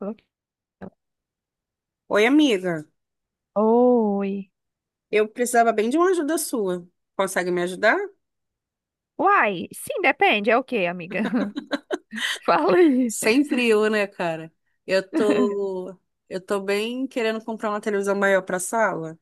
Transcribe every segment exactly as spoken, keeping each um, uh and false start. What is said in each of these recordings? Ok. Oi, amiga. Oi. Eu precisava bem de uma ajuda sua. Consegue me ajudar? Uai, sim, depende. É o quê, amiga? Fala aí. Sempre eu, né, cara? Eu tô, eu tô bem querendo comprar uma televisão maior pra sala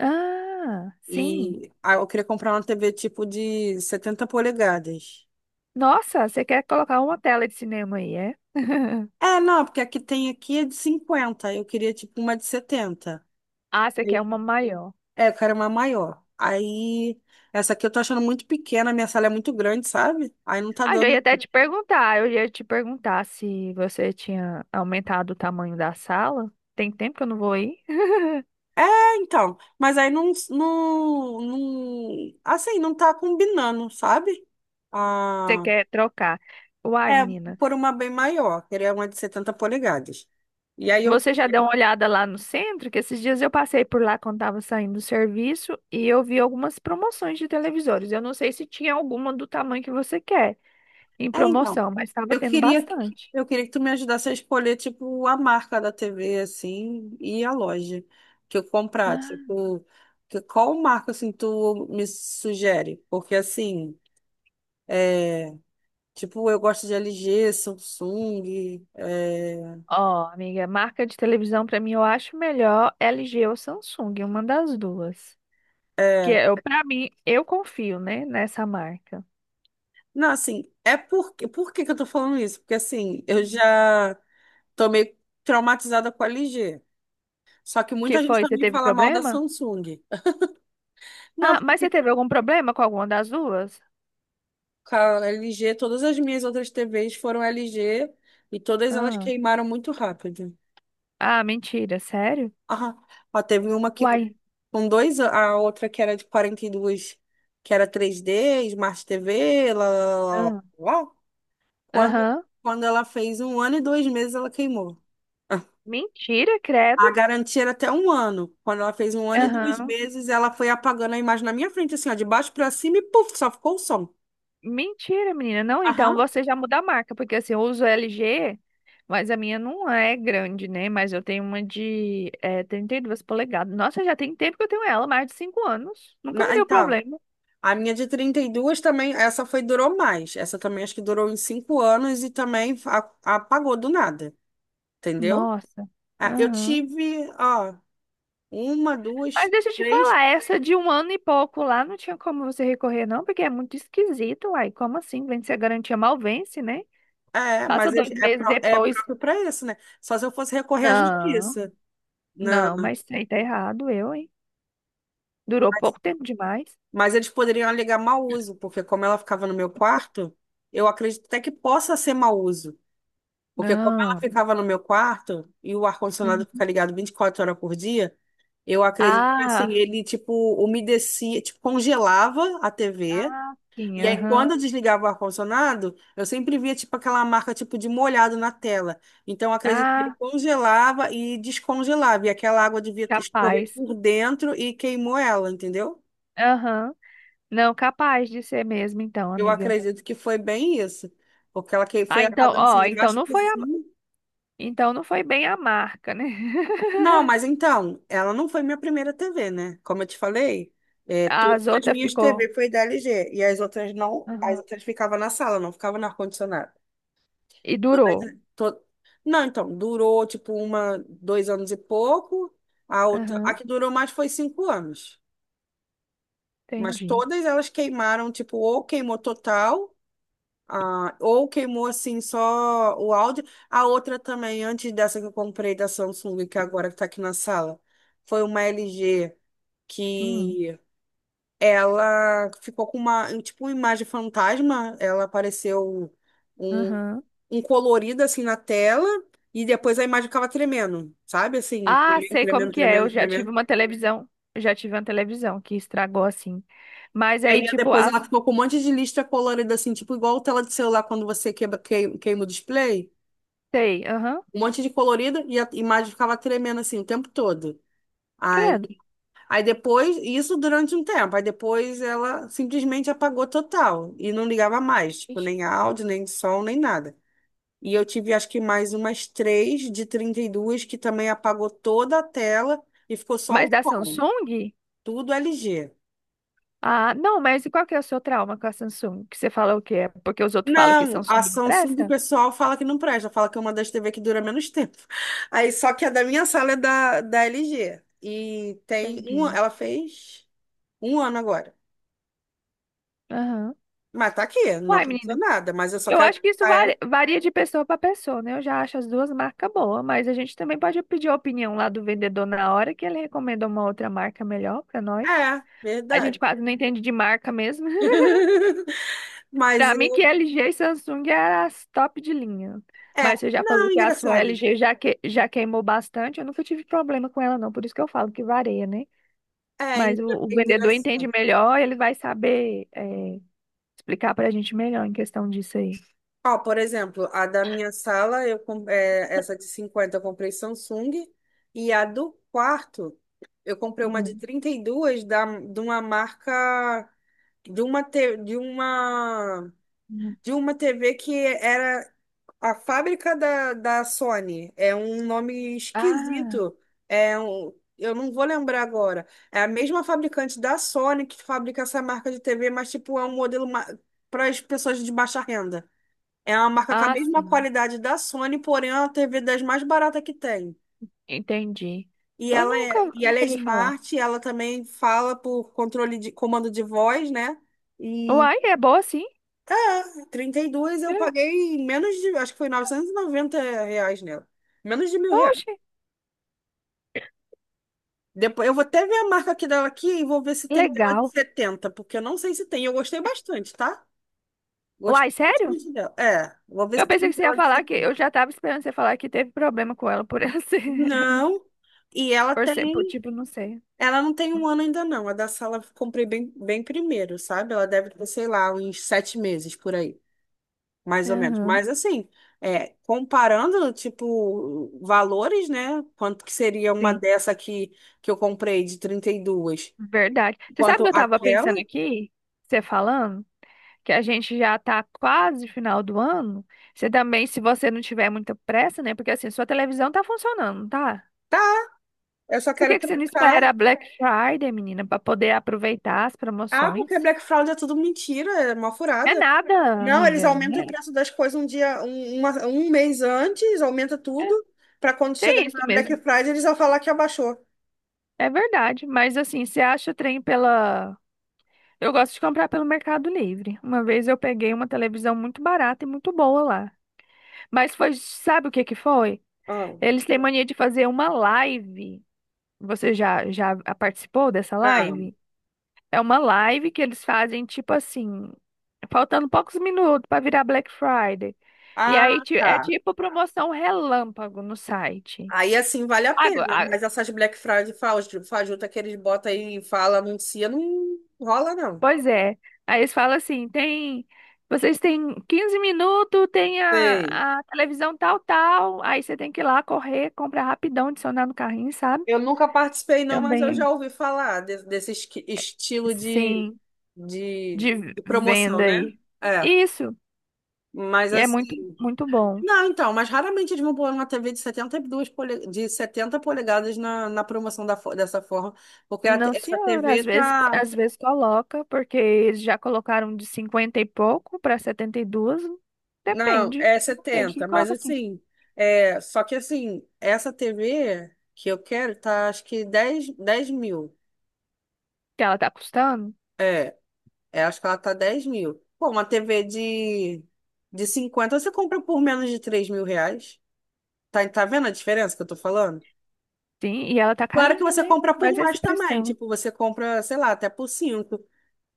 Ah, sim. e ah, eu queria comprar uma T V tipo de setenta polegadas. Nossa, você quer colocar uma tela de cinema aí, é? É, não, porque a que tem aqui é de cinquenta. Eu queria tipo uma de setenta. Ah, você quer uma maior. É, eu quero uma maior. Aí essa aqui eu tô achando muito pequena, minha sala é muito grande, sabe? Aí não tá Ah, já ia dando. até te perguntar. Eu ia te perguntar se você tinha aumentado o tamanho da sala. Tem tempo que eu não vou aí. É, então, mas aí não, não, não, assim, não tá combinando, sabe? Você Ah, quer trocar? Uai, é, menina. por uma bem maior, queria uma de setenta polegadas. E aí eu, Você já deu uma olhada lá no centro? Que esses dias eu passei por lá quando estava saindo do serviço e eu vi algumas promoções de televisores. Eu não sei se tinha alguma do tamanho que você quer em é, então, promoção, mas estava eu tendo queria, bastante. eu queria que tu me ajudasse a escolher, tipo, a marca da T V, assim, e a loja que eu comprar, Ah, tipo, que- qual marca, assim, tu me sugere? Porque, assim, é, tipo, eu gosto de L G, Samsung, é, ó, amiga, marca de televisão para mim eu acho melhor L G ou Samsung, uma das duas. Que é, é, eu, para mim, eu confio, né, nessa marca. não, assim, é porque. Por que que eu tô falando isso? Porque, assim, eu Hum. já tô meio traumatizada com a L G. Só que Que muita gente foi? Você também teve fala mal da problema? Samsung. Não, Ah, mas porque você teve algum problema com alguma das duas? com a L G, todas as minhas outras T Vs foram L G e todas elas Ah, queimaram muito rápido. ah, mentira, sério? Ah, ó, teve uma que Uai. com dois, an- a outra que era de quarenta e dois que era três D, Smart T V, lá, lá, lá, lá, lá. Quando, Aham. quando ela fez um ano e dois meses, ela queimou. Mentira, credo. A garantia era até um ano. Quando ela fez um ano e dois Aham. meses, ela foi apagando a imagem na minha frente, assim, ó, de baixo pra cima e puf, só ficou o som. Mentira, menina. Não, então Aham. você já muda a marca, porque assim, eu uso L G, mas a minha não é grande, né? Mas eu tenho uma de é, trinta e duas polegadas. Nossa, já tem tempo que eu tenho ela, mais de cinco anos. Nunca me Na- deu então, problema. a minha de trinta e dois também, essa foi, durou mais. Essa também acho que durou uns cinco anos e também a- apagou do nada, entendeu? Nossa. Ah, eu Aham. tive, ó, uma, Mas duas, deixa eu te três. falar, essa de um ano e pouco lá não tinha como você recorrer, não, porque é muito esquisito, uai. Como assim? Vence a garantia, mal vence, né? É, Passa mas é, dois é meses pró- é depois. próprio para isso, né? Só se eu fosse recorrer à Não. justiça. Não. Não, mas isso aí tá errado, eu, hein? Durou pouco tempo demais. Mas eles poderiam alegar mau uso, porque como ela ficava no meu quarto, eu acredito até que possa ser mau uso. Porque como ela Não. ficava no meu quarto e o ar-condicionado fica Uhum. ligado vinte e quatro horas por dia, eu acredito que assim, Ah, ele tipo umedecia, tipo congelava a T V. ah, sim, E aí aham. quando eu desligava o ar-condicionado, eu sempre via tipo aquela marca tipo de molhado na tela. Então eu acredito que ele Ah, congelava e descongelava, e aquela água devia escorrer capaz. por dentro e queimou ela, entendeu? Aham. Não, capaz de ser mesmo, então, Eu amiga. acredito que foi bem isso, porque ela que Ah, foi então, apagando assim ó, de então baixo não por foi a, cima. então não foi bem a marca, né? Não, mas então, ela não foi minha primeira T V, né? Como eu te falei, é, todas As as outras minhas ficou. T V foi da L G e as outras não, as Aham. outras ficavam na sala, não ficavam no ar-condicionado. E durou. Todas- to- Não, então, durou tipo uma, dois anos e pouco, a outra, a Aham, que durou mais foi cinco anos, mas entendi. todas elas queimaram, tipo, ou queimou total. Ah, ou queimou assim só o áudio. A outra também, antes dessa que eu comprei da Samsung, que agora que está aqui na sala, foi uma L G Hum. que ela ficou com uma, um, tipo, uma imagem fantasma. Ela apareceu um, Aham. um colorido assim na tela e depois a imagem ficava tremendo, sabe? Assim, Ah, tremendo, sei como tremendo, que é. Eu tremendo, já tive tremendo. uma televisão. Eu Já tive uma televisão que estragou assim. Mas E aí, aí tipo, depois ela as… ficou com um monte de lista colorida assim, tipo igual tela de celular quando você quebra, queima, queima o display. Sei, aham, Um monte de colorida e a imagem ficava tremendo assim o tempo todo. Aí, credo. aí depois, isso durante um tempo, aí depois ela simplesmente apagou total e não ligava mais, tipo, Ixi. nem áudio, nem som, nem nada. E eu tive acho que mais umas três de trinta e duas que também apagou toda a tela e ficou só Mas o da som, Samsung? tudo L G. Ah, não, mas e qual que é o seu trauma com a Samsung? Que você fala o quê? É porque os outros falam que Não, a Samsung não Samsung do presta? pessoal fala que não presta, fala que é uma das T V que dura menos tempo. Aí só que a da minha sala é da, da L G. E tem uma, Entendi. ela fez um ano agora. Aham. Mas tá aqui, não Uai, aconteceu menina, nada, mas eu só eu quero acho que isso trocar ela. varia, varia de pessoa para pessoa, né? Eu já acho as duas marcas boas, mas a gente também pode pedir a opinião lá do vendedor na hora que ele recomenda uma outra marca melhor para nós. É, A gente verdade. quase não entende de marca mesmo. Mas Pra mim eu. que L G e Samsung é as top de linha. É, Mas você já falou não, que a sua engraçado. L G já, que, já queimou bastante. Eu nunca tive problema com ela, não. Por isso que eu falo que varia, né? É, Mas o, engra- o vendedor entende engraçado. melhor, ele vai saber é, explicar pra gente melhor em questão disso aí. Ó, por exemplo, a da minha sala, eu com- é, essa de cinquenta eu comprei Samsung, e a do quarto, eu comprei uma de Hum. trinta e duas da, de uma marca. De uma, te- de uma Hum. de uma T V que era. A fábrica da, da Sony é um nome Ah, esquisito. É um, eu não vou lembrar agora. É a mesma fabricante da Sony que fabrica essa marca de T V, mas tipo é um modelo para as pessoas de baixa renda. É uma marca com a ah, mesma sim. qualidade da Sony, porém é uma T V das mais baratas que tem. Entendi. E Eu ela nunca, é, e ela é nunca ouvi falar. smart, ela também fala por controle de comando de voz, né? E Uai, é boa sim. trinta e dois eu É. paguei menos de, acho que foi novecentos e noventa reais nela. Menos de mil reais. Oxe, Depois, eu vou até ver a marca aqui dela aqui e vou ver se tem dela de legal. setenta porque eu não sei se tem. Eu gostei bastante, tá? Gostei Uai, sério? bastante dela. É, vou ver Eu se pensei tem que você ia dela de falar que eu setenta. já tava esperando você falar que teve problema com ela por ela ser. Não. E ela Por tem, ser, por tipo, não sei. ela não tem um ano ainda não. A da sala eu comprei bem, bem primeiro, sabe? Ela deve ter, sei lá, uns sete meses por aí. Mais ou menos. Aham, Mas assim, é, comparando, tipo, valores, né? Quanto que seria uma sim, dessa aqui que eu comprei de trinta e duas? verdade. Você sabe que Quanto eu tava aquela? pensando aqui, você falando, que a gente já tá quase final do ano. Você também, se você não tiver muita pressa, né? Porque assim, sua televisão tá funcionando, não tá? Tá, eu só Por quero que que você não trocar. espera a Black Friday, menina, pra poder aproveitar as Ah, promoções? porque Black Fraud é tudo mentira, é uma Não é furada. nada, Não, eles amiga. aumentam Né? o preço das coisas um dia, um, uma- um mês antes, aumenta tudo, para quando chegar Tem isso na Black mesmo. Friday eles vão falar que abaixou. É verdade. Mas assim, você acha o trem pela. Eu gosto de comprar pelo Mercado Livre. Uma vez eu peguei uma televisão muito barata e muito boa lá. Mas foi, sabe o que que foi? Ah, Eles têm mania de fazer uma live. Você já já participou dessa não. live? É uma live que eles fazem tipo assim, faltando poucos minutos para virar Black Friday. E Ah, aí ti- é tá. tipo promoção relâmpago no site. Aí assim vale a Agora, pena, a- mas essas Black Friday faju- fajuta que eles botam aí e fala, anuncia, não rola não. pois é. Aí eles falam assim, tem vocês têm quinze minutos, tem Sei. a, a televisão tal, tal. Aí você tem que ir lá correr, comprar rapidão, adicionar no carrinho, sabe? Eu nunca participei não, mas eu Também. já ouvi falar de- desse esqui- estilo de, Sim. de, De de promoção, venda né? aí. É, Isso. mas E é muito, assim... muito bom. Não, então, mas raramente eles vão pôr uma T V de setenta e dois pole- de setenta polegadas na, na promoção da, fo- dessa forma, porque a te- Não, essa senhora, T V às vezes, tá. às vezes coloca, porque eles já colocaram de cinquenta e pouco para setenta e duas. Não, Depende. é Depende que setenta. Mas coloca assim. assim, é, só que assim, essa T V que eu quero tá acho que dez, dez mil. Que ela tá custando? É, acho que ela tá dez mil. Pô, uma T V de, de cinquenta você compra por menos de três mil reais. Tá, tá vendo a diferença que eu tô falando? Sim, e ela tá Claro que carinha, você né? compra por Mas esse mais preço também, dela. tipo, você compra, sei lá, até por cinco,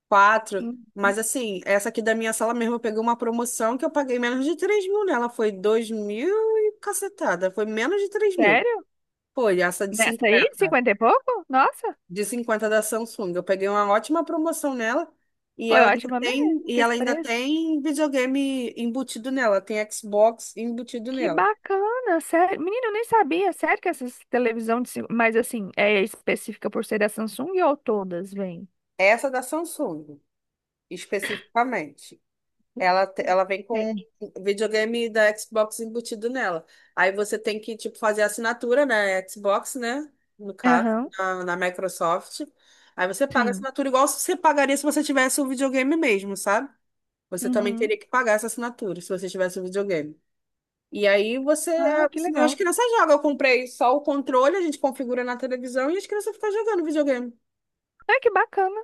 quatro. Uhum. Mas assim, essa aqui da minha sala mesmo, eu peguei uma promoção que eu paguei menos de três mil nela. Foi dois mil e cacetada, foi menos de três mil. Sério? Foi essa de Nessa aí, cinquenta, cinquenta e pouco? Nossa, de cinquenta da Samsung. Eu peguei uma ótima promoção nela e foi ela ainda ótima tem, mesmo, e que esse ela ainda preço. tem videogame embutido nela, tem Xbox embutido Que nela. bacana, sério. Menina, eu nem sabia, sério que essas televisão de… cin- Mas assim, é específica por ser da Samsung ou todas, vem? Essa da Samsung, especificamente. Ela, te- ela vem com Tem. videogame da Xbox embutido nela. Aí você tem que, tipo, fazer assinatura na Xbox, né? No caso, Aham, na, na Microsoft. Aí você paga a sim. assinatura igual você pagaria se você tivesse o videogame mesmo, sabe? Você também Uhum. teria que pagar essa assinatura se você tivesse um videogame. E aí você, Ah, que as legal. crianças jogam. Eu comprei só o controle, a gente configura na televisão e as crianças ficam jogando videogame. Ah, que bacana.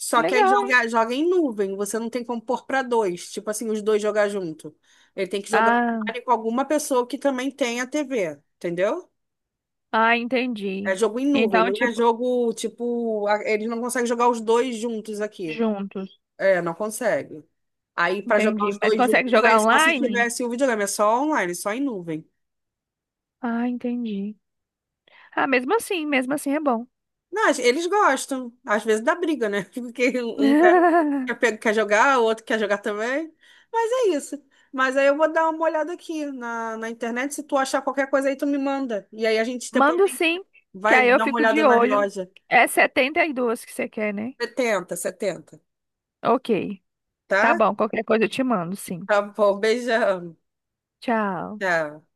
Só que aí Legal, hein? joga, joga em nuvem, você não tem como pôr para dois, tipo assim, os dois jogar junto. Ele tem que jogar Ah, com alguma pessoa que também tenha T V, entendeu? ah, É entendi. jogo em nuvem, Então, não é tipo, jogo tipo, a- eles não conseguem jogar os dois juntos aqui. juntos. É, não consegue. Aí, para jogar Entendi. os Mas dois consegue juntos, aí é jogar só se online? tivesse o videogame, é só online, só em nuvem. Ah, entendi. Ah, mesmo assim, mesmo assim é bom. Não, eles gostam. Às vezes dá briga, né? Porque um quer, quer pe- quer jogar, o outro quer jogar também. Mas é isso. Mas aí eu vou dar uma olhada aqui na, na internet. Se tu achar qualquer coisa aí, tu me manda. E aí a gente depois Mando tem- sim, que aí vai eu dar uma fico de olhada nas olho. lojas. É setenta e dois que você quer, né? Setenta, setenta, Ok. Tá tá? bom, qualquer coisa eu te mando, sim. Tá bom, beijão. Tchau. Tchau.